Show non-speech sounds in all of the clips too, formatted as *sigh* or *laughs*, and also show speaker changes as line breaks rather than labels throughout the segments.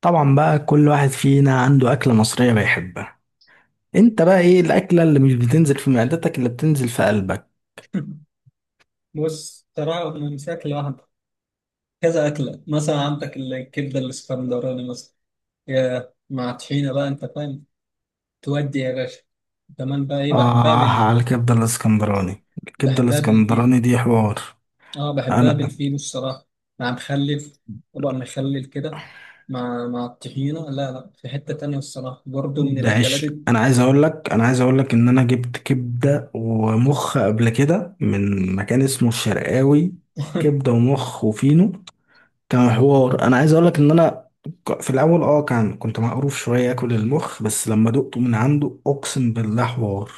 طبعا بقى كل واحد فينا عنده أكلة مصرية بيحبها. انت بقى ايه الأكلة اللي مش بتنزل في معدتك، اللي بتنزل في قلبك؟
بص صراحة من شكل واحد، كذا أكلة. مثلا عندك الكبدة الإسكندراني مثلا، يا مع طحينة بقى أنت فاهم. تودي يا باشا. كمان بقى إيه،
آه، على الكبدة الاسكندراني. الكبدة
بحبها بالفين.
الاسكندراني دي حوار.
أه بحبها
انا
بالفين الصراحة، مع مخلف طبق مخلل كده، مع الطحينة. لا لا، في حتة تانية الصراحة، برضه من
بعيش، انا عايز اقول لك انا عايز اقول لك ان انا جبت كبدة ومخ قبل كده من مكان اسمه الشرقاوي. كبدة
*laughs*
ومخ وفينو، كان حوار. انا عايز اقول لك ان انا في الاول كنت مقروف شوية اكل المخ، بس لما دقته من عنده اقسم بالله حوار.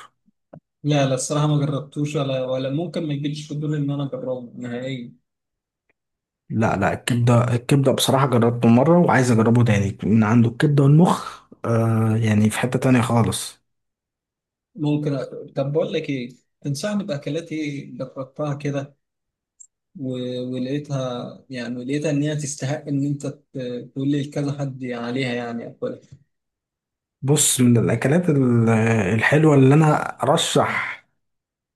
لا لا الصراحة ما جربتوش، ولا ممكن ما يجيليش فضول إن أنا أجربه نهائيا.
لا لا، الكبدة بصراحة جربته مرة وعايز أجربه تاني من عنده. الكبدة والمخ يعني في حتة تانية خالص.
ممكن أ... طب بقول لك إيه، تنصحني بأكلات إيه جربتها كده ولقيتها، يعني لقيتها ان هي تستحق ان انت تقول لي كذا حد عليها، يعني اكلها.
بص، من الأكلات الحلوة اللي أنا أرشح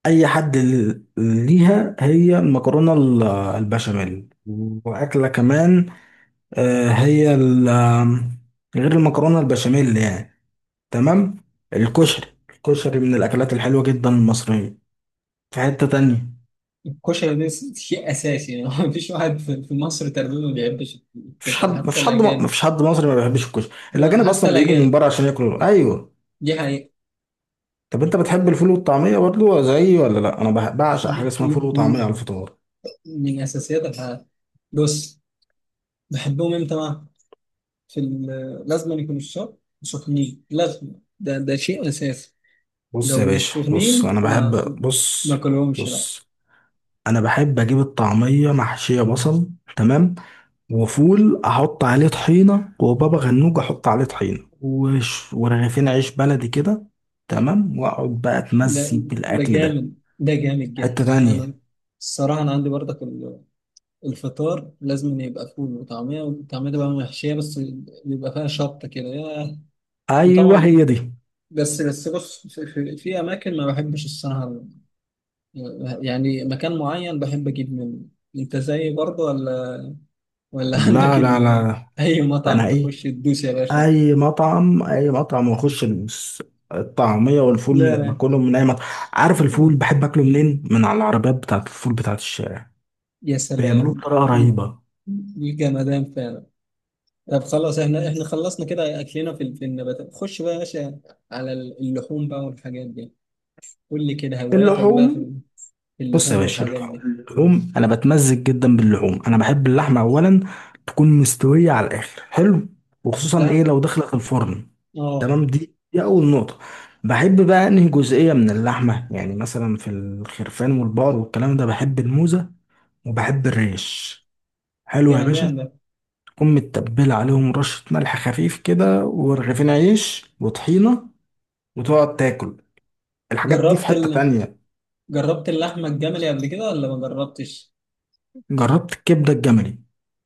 أي حد ليها، هي المكرونة البشاميل. وأكلة كمان، هي غير المكرونة البشاميل يعني، تمام، الكشري. الكشري من الأكلات الحلوة جدا المصرية، في حتة تانية.
الكشري ده شيء اساسي يعني. *laughs* ما فيش واحد في مصر تقريبا ما بيحبش
مفيش حد
الكشري، حتى
مفيش حد
الاجانب.
مفيش حد مصري ما بيحبش الكشري. الاجانب
حتى
اصلا بيجوا من
الاجانب،
بره عشان ياكلوا، ايوه.
دي حقيقة.
طب انت بتحب الفول والطعميه برضو زيي ولا لا؟ انا بعشق حاجه
من
اسمها فول
من
وطعميه على الفطار.
من اساسيات الحياة. بص، بحبهم امتى بقى؟ في لازم يكونوا الشرب سخنين، لازم. ده شيء اساسي.
بص
لو
يا
مش
باشا، بص
سخنين،
انا بحب بص
ما كلهمش.
بص انا بحب اجيب الطعميه محشيه بصل، تمام، وفول احط عليه طحينه، وبابا غنوج احط عليه طحينه، وش ورغيفين عيش بلدي كده، تمام، واقعد بقى
ده
اتمزج
ده
بالاكل ده.
جامد، ده جامد جدا.
حته
انا
تانية.
الصراحه انا عندي برضك الفطار لازم إن يبقى فول وطعميه، والطعميه تبقى محشيه، بس بيبقى فيها شطه كده. ياه.
ايوه هي
وطبعا،
دي.
بس بص، في اماكن ما بحبش الصراحه، يعني مكان معين بحب اجيب منه. انت زيي برضه ولا ولا؟ *laughs*
لا لا لا،
اي مطعم
فانا
تخش تدوس يا باشا؟
اي مطعم واخش الطعميه والفول
لا
من
لا.
باكلهم من اي مطعم. عارف الفول بحب اكله منين؟ من على العربيات بتاعت الفول، بتاعت الشارع.
يا
بيعملوه
سلام،
بطريقه
دي
رهيبه.
جمدان فعلا. طب خلاص، احنا خلصنا كده، اكلنا في النباتات. خش بقى يا باشا على اللحوم بقى والحاجات دي. قول لي كده هواياتك بقى في
اللحوم؟
في
بص يا
اللحوم
باشا،
والحاجات دي.
اللحوم انا بتمزج جدا باللحوم. انا بحب اللحمه اولا تكون مستويه على الاخر، حلو، وخصوصا ايه
لا.
لو دخلت الفرن،
اه،
تمام، دي اول نقطه. بحب بقى انهي جزئيه من اللحمه؟ يعني مثلا في الخرفان والبقر والكلام ده بحب الموزه وبحب الريش، حلو يا
جمدان
باشا،
ده.
تكون متبلة عليهم رشة ملح خفيف كده، ورغيفين عيش وطحينة، وتقعد تاكل. الحاجات دي في
جربت
حتة
ال...
تانية.
جربت اللحمه الجملي قبل كده ولا ما جربتش؟
جربت الكبدة الجملي،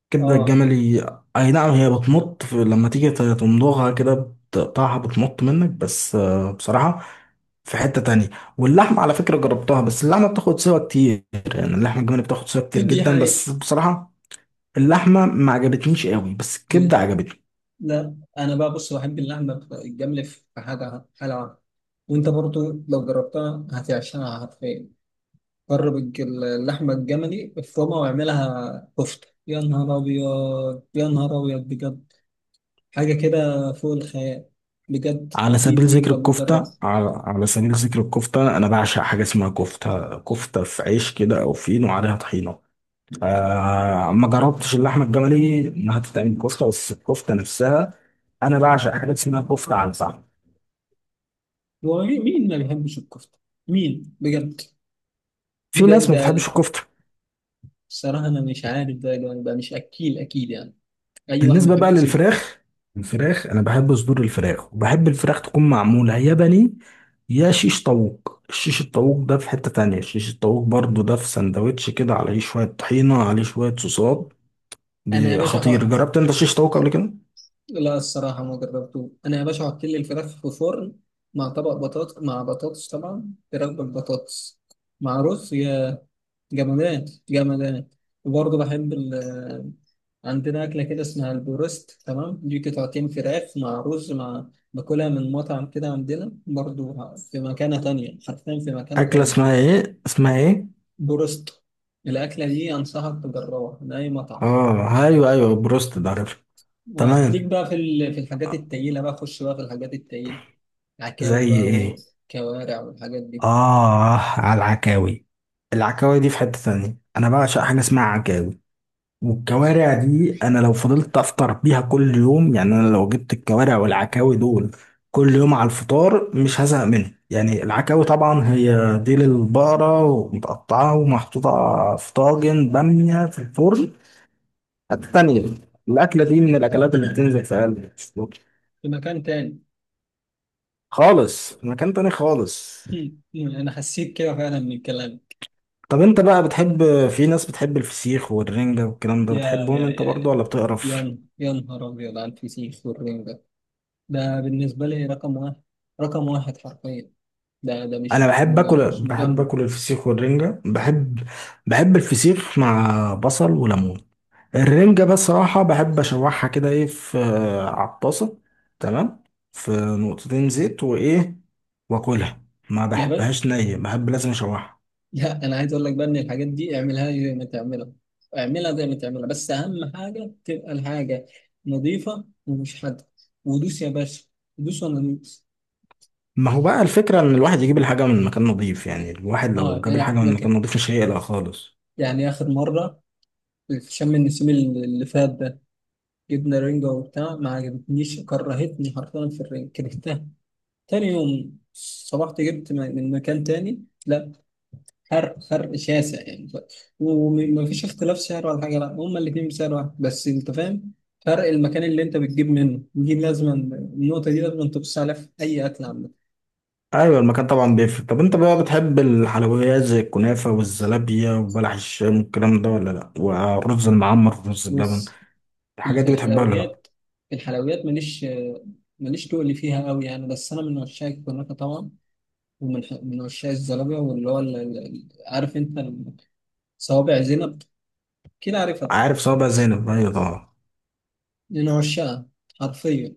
الكبدة
اه.
الجملي، أي نعم. هي بتمط لما تيجي تمضغها كده بتقطعها، بتمط منك، بس بصراحة في حتة تانية. واللحمة على فكرة جربتها، بس اللحمة بتاخد سوا كتير، يعني اللحمة الجملي بتاخد سوا
*laughs*
كتير
دي
جدا،
حقيقة.
بس بصراحة اللحمة ما عجبتنيش قوي، بس الكبدة
دي.
عجبتني.
لا انا بقى، بص، بحب اللحمه الجملي، في حاجه حلوه. وانت برضو لو جربتها هتعشقها حرفيا. جرب اللحمة الجملي، افرمها واعملها كفتة، يا نهار أبيض، يا نهار أبيض بجد، حاجة كده فوق الخيال. بجد،
على سبيل ذكر
دي
الكفتة،
بجرب.
على سبيل ذكر الكفتة، أنا بعشق حاجة اسمها كفتة. كفتة في عيش كده أو فين وعليها طحينة. ما جربتش اللحمة الجملي إنها تتعمل كفتة، بس الكفتة نفسها أنا بعشق حاجة اسمها كفتة على الفحم.
هو مين ما بيحبش الكفتة؟ مين بجد؟
في
ده
ناس ما
ده
بتحبش الكفتة.
الصراحة أنا مش عارف، ده مش أكيل أكيد يعني. أي واحد ما
بالنسبة بقى
يحبش
للفراخ، الفراخ أنا بحب صدور الفراخ، وبحب الفراخ تكون معمولة يا بني يا شيش طاووق. الشيش الطاووق ده في حتة تانية. الشيش الطاووق برضو ده في سندوتش كده عليه شوية طحينة عليه شوية صوصات،
أنا يا باشا
خطير.
حط.
جربت انت شيش طاووق قبل كده؟
لا الصراحة ما جربته. أنا يا باشا حط لي الفراخ في فرن، مع طبق بطاطس، مع بطاطس، طبعا فراخ بالبطاطس، مع رز يا جمادات، جمادات. وبرضه بحب ال، عندنا أكلة كده اسمها البروست. تمام، دي قطعتين فراخ مع رز مع، باكلها من مطعم كده عندنا برضه، في مكانة تانية حرفيا، في مكانة
اكله
تانية.
اسمها ايه؟ اسمها ايه؟
بروست. الأكلة دي أنصحك تجربها من أي مطعم.
اه ايوه ايوه، بروست ده، عارف.
آه، ليك
تمام.
بقى في في الحاجات التقيلة بقى، خش بقى في الحاجات التقيلة، عكاوي
زي
بقى
ايه؟
وكوارع والحاجات دي.
اه، على العكاوي. العكاوي دي في حته تانية. انا بعشق حاجه اسمها عكاوي. والكوارع دي، انا لو فضلت افطر بيها كل يوم، يعني انا لو جبت الكوارع والعكاوي دول كل يوم على الفطار، مش هزهق منه. يعني العكاوي طبعا هي ديل البقرة، ومتقطعة ومحطوطة في طاجن بامية في الفرن، التانية، الأكلة دي من الأكلات اللي بتنزل في قلبي
في مكان تاني.
خالص. في مكان تاني خالص.
*laughs* أنا حسيت كده فعلا من الكلام.
طب أنت بقى بتحب؟ في ناس بتحب الفسيخ والرنجة والكلام ده،
يا يا
بتحبهم أنت
يا
برضو
يا
ولا بتقرف؟
يا نهار أبيض على الفسيخ والرنجة ده. ده بالنسبة لي رقم واحد، رقم واحد حرفيا. ده، ده مش
أنا
مش
بحب
مج-
آكل،
مش
بحب
مجمد.
آكل الفسيخ والرنجة، بحب. بحب الفسيخ مع بصل وليمون. الرنجة بصراحة بحب أشوحها كده إيه في على الطاسة، تمام، في نقطتين زيت وإيه، وآكلها. ما
يا بل،
بحبهاش نية، بحب لازم أشوحها.
لا أنا عايز أقول لك بقى إن الحاجات دي اعملها زي ما تعملها، اعملها زي ما تعملها، بس أهم حاجة تبقى الحاجة نظيفة ومش حادة، ودوس يا باشا، دوس وأنا دوس.
ما هو بقى الفكرة إن الواحد يجيب الحاجة من مكان نظيف. يعني الواحد لو
أه،
جاب
أنا
الحاجة من
مكان،
مكان نظيف مش هيقلق خالص.
يعني آخر مرة في شم النسيم اللي فات ده، جبنا رنجة وبتاع ما عجبتنيش، كرهتني حرفيا في الرنجة، كرهتها. تاني يوم صبحت جبت من مكان تاني، لا، فرق شاسع يعني. ومفيش اختلاف سعر ولا حاجة، لا هما الاتنين بسعر واحد، بس انت فاهم، فرق المكان اللي انت بتجيب منه دي، لازما النقطة دي لازما تبص عليها في أي أكل عامة.
أيوة، المكان طبعا بيفرق. طب أنت بقى بتحب الحلويات زي الكنافة والزلابية وبلح الشام والكلام ده ولا لأ؟ والرز المعمر والرز بلبن،
بص، في
الحاجات
في
دي بتحبها ولا لأ؟
الحلويات، في الحلويات ماليش، ماليش تقل فيها قوي يعني، بس أنا من عشاق الكنافة طبعا. ومن عشاق الزلابية، واللي هو عارف انت، صوابع زينب، كده عارفها.
عارف صوابع زينب؟ أيوة طبعا.
من عشاقها حرفيا.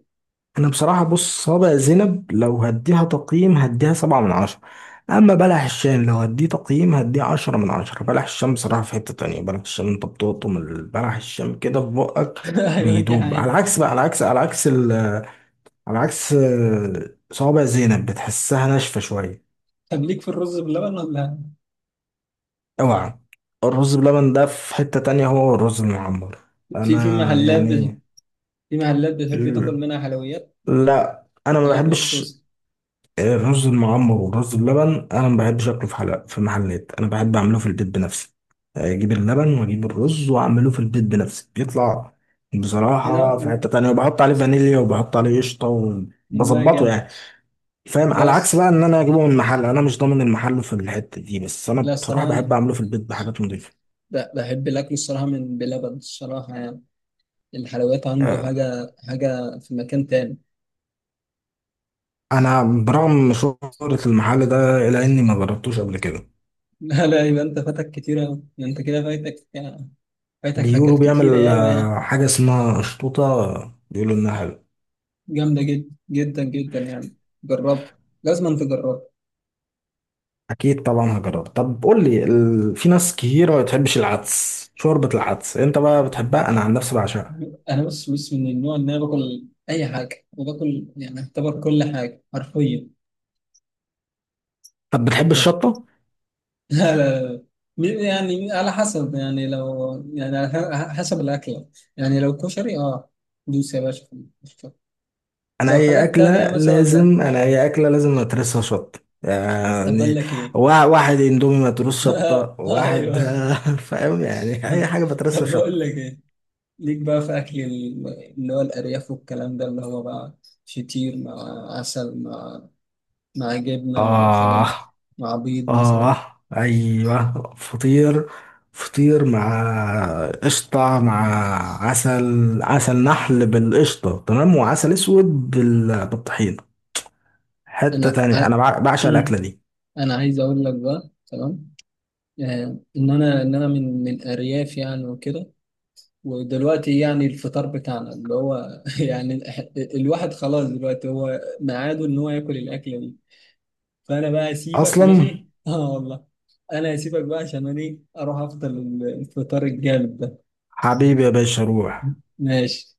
انا بصراحة، بص، صابع زينب لو هديها تقييم هديها سبعة من عشرة. اما بلح الشام لو هديه تقييم هديه عشرة من عشرة. بلح الشام بصراحة في حتة تانية. بلح الشام انت بتقطم بلح الشام كده في بقك
*laughs* ايوه انت،
بيدوب، على
حقيقة.
عكس بقى، على عكس، على عكس ال على عكس صوابع زينب بتحسها ناشفة شوية.
طب ليك في الرز باللبن ولا؟
اوعى، الرز بلبن ده في حتة تانية، هو الرز المعمر. انا
في
يعني،
في محلات بتحب تاكل منها حلويات؟
لا، انا ما
محلات
بحبش
مخصوص.
الرز المعمر والرز بلبن، انا ما بحبش اكله في حلقة في محلات، انا بحب اعمله في البيت بنفسي. اجيب اللبن واجيب الرز واعمله في البيت بنفسي، بيطلع
ايه
بصراحة
ده،
في حتة تانية، وبحط عليه فانيليا وبحط عليه قشطة
لا
وبظبطه
جامد.
يعني. فاهم؟
لا
على عكس
الص-
بقى ان انا اجيبه من محل، انا مش ضامن المحل في الحتة دي، بس انا
لا
بصراحة
الصراحه انا
بحب اعمله في البيت بحاجات نضيفة.
بحب الاكل الصراحه من بلبن الصراحه يعني. الحلويات عنده
آه،
حاجه، حاجه في مكان تاني.
انا برغم شهرة المحل ده الا اني ما جربتوش قبل كده.
*laughs* لا لا، يبقى انت فاتك كتير أوي، انت كده فايتك يعني، فايتك
بيقولوا
حاجات كتير
بيعمل
قوي يعني.
حاجة اسمها قشطوطة، بيقولوا انها حلوة.
جامده جدا، جدا جدا يعني. جربها، لازم تجربها.
اكيد طبعا هجرب. طب قول لي في ناس كتيره ما بتحبش العدس، شوربه العدس، انت بقى بتحبها؟ انا عن نفسي بعشقها.
انا بص، بص من النوع ان انا باكل اي حاجه وباكل، يعني اعتبر كل حاجه حرفيا.
طب بتحب
*laughs*
الشطه؟
لا لا لا. مين- يعني على حسب، يعني لو، يعني على حسب الاكله. يعني لو كشري، اه، دوس يا باشا في الكشري. لو حاجات تانية مثلا، لا.
انا اي اكله لازم اترسها شطه.
طب بقول
يعني
لك ايه.
واحد اندومي متروس شطه
*laughs*
واحد.
ايوه.
*laughs* فاهم؟ يعني اي
*laughs*
حاجه بترسها
طب بقول
شطه.
لك ايه، ليك بقى في اكل اللي هو الارياف والكلام ده، اللي هو بقى فطير مع عسل، مع مع جبنه، مع الحاجات
اه.
دي، مع بيض مثلا.
اه ايوه، فطير. فطير مع قشطة، مع عسل، عسل نحل بالقشطة، تمام. وعسل اسود بالطحينة، حتة
انا ع...
تانية. انا بعشق الاكلة
مم.
دي
انا عايز اقول لك بقى، تمام، آه ان انا ان انا من ارياف يعني وكده، ودلوقتي يعني الفطار بتاعنا اللي هو *laughs* يعني الواحد خلاص دلوقتي هو ميعاده ان هو ياكل الاكله دي. فانا بقى اسيبك
اصلا.
ماشي. *laughs* اه والله، انا هسيبك بقى عشان انا ايه، اروح افطر الفطار الجامد ده.
حبيبي يا باشا، روح.
*laughs* ماشي.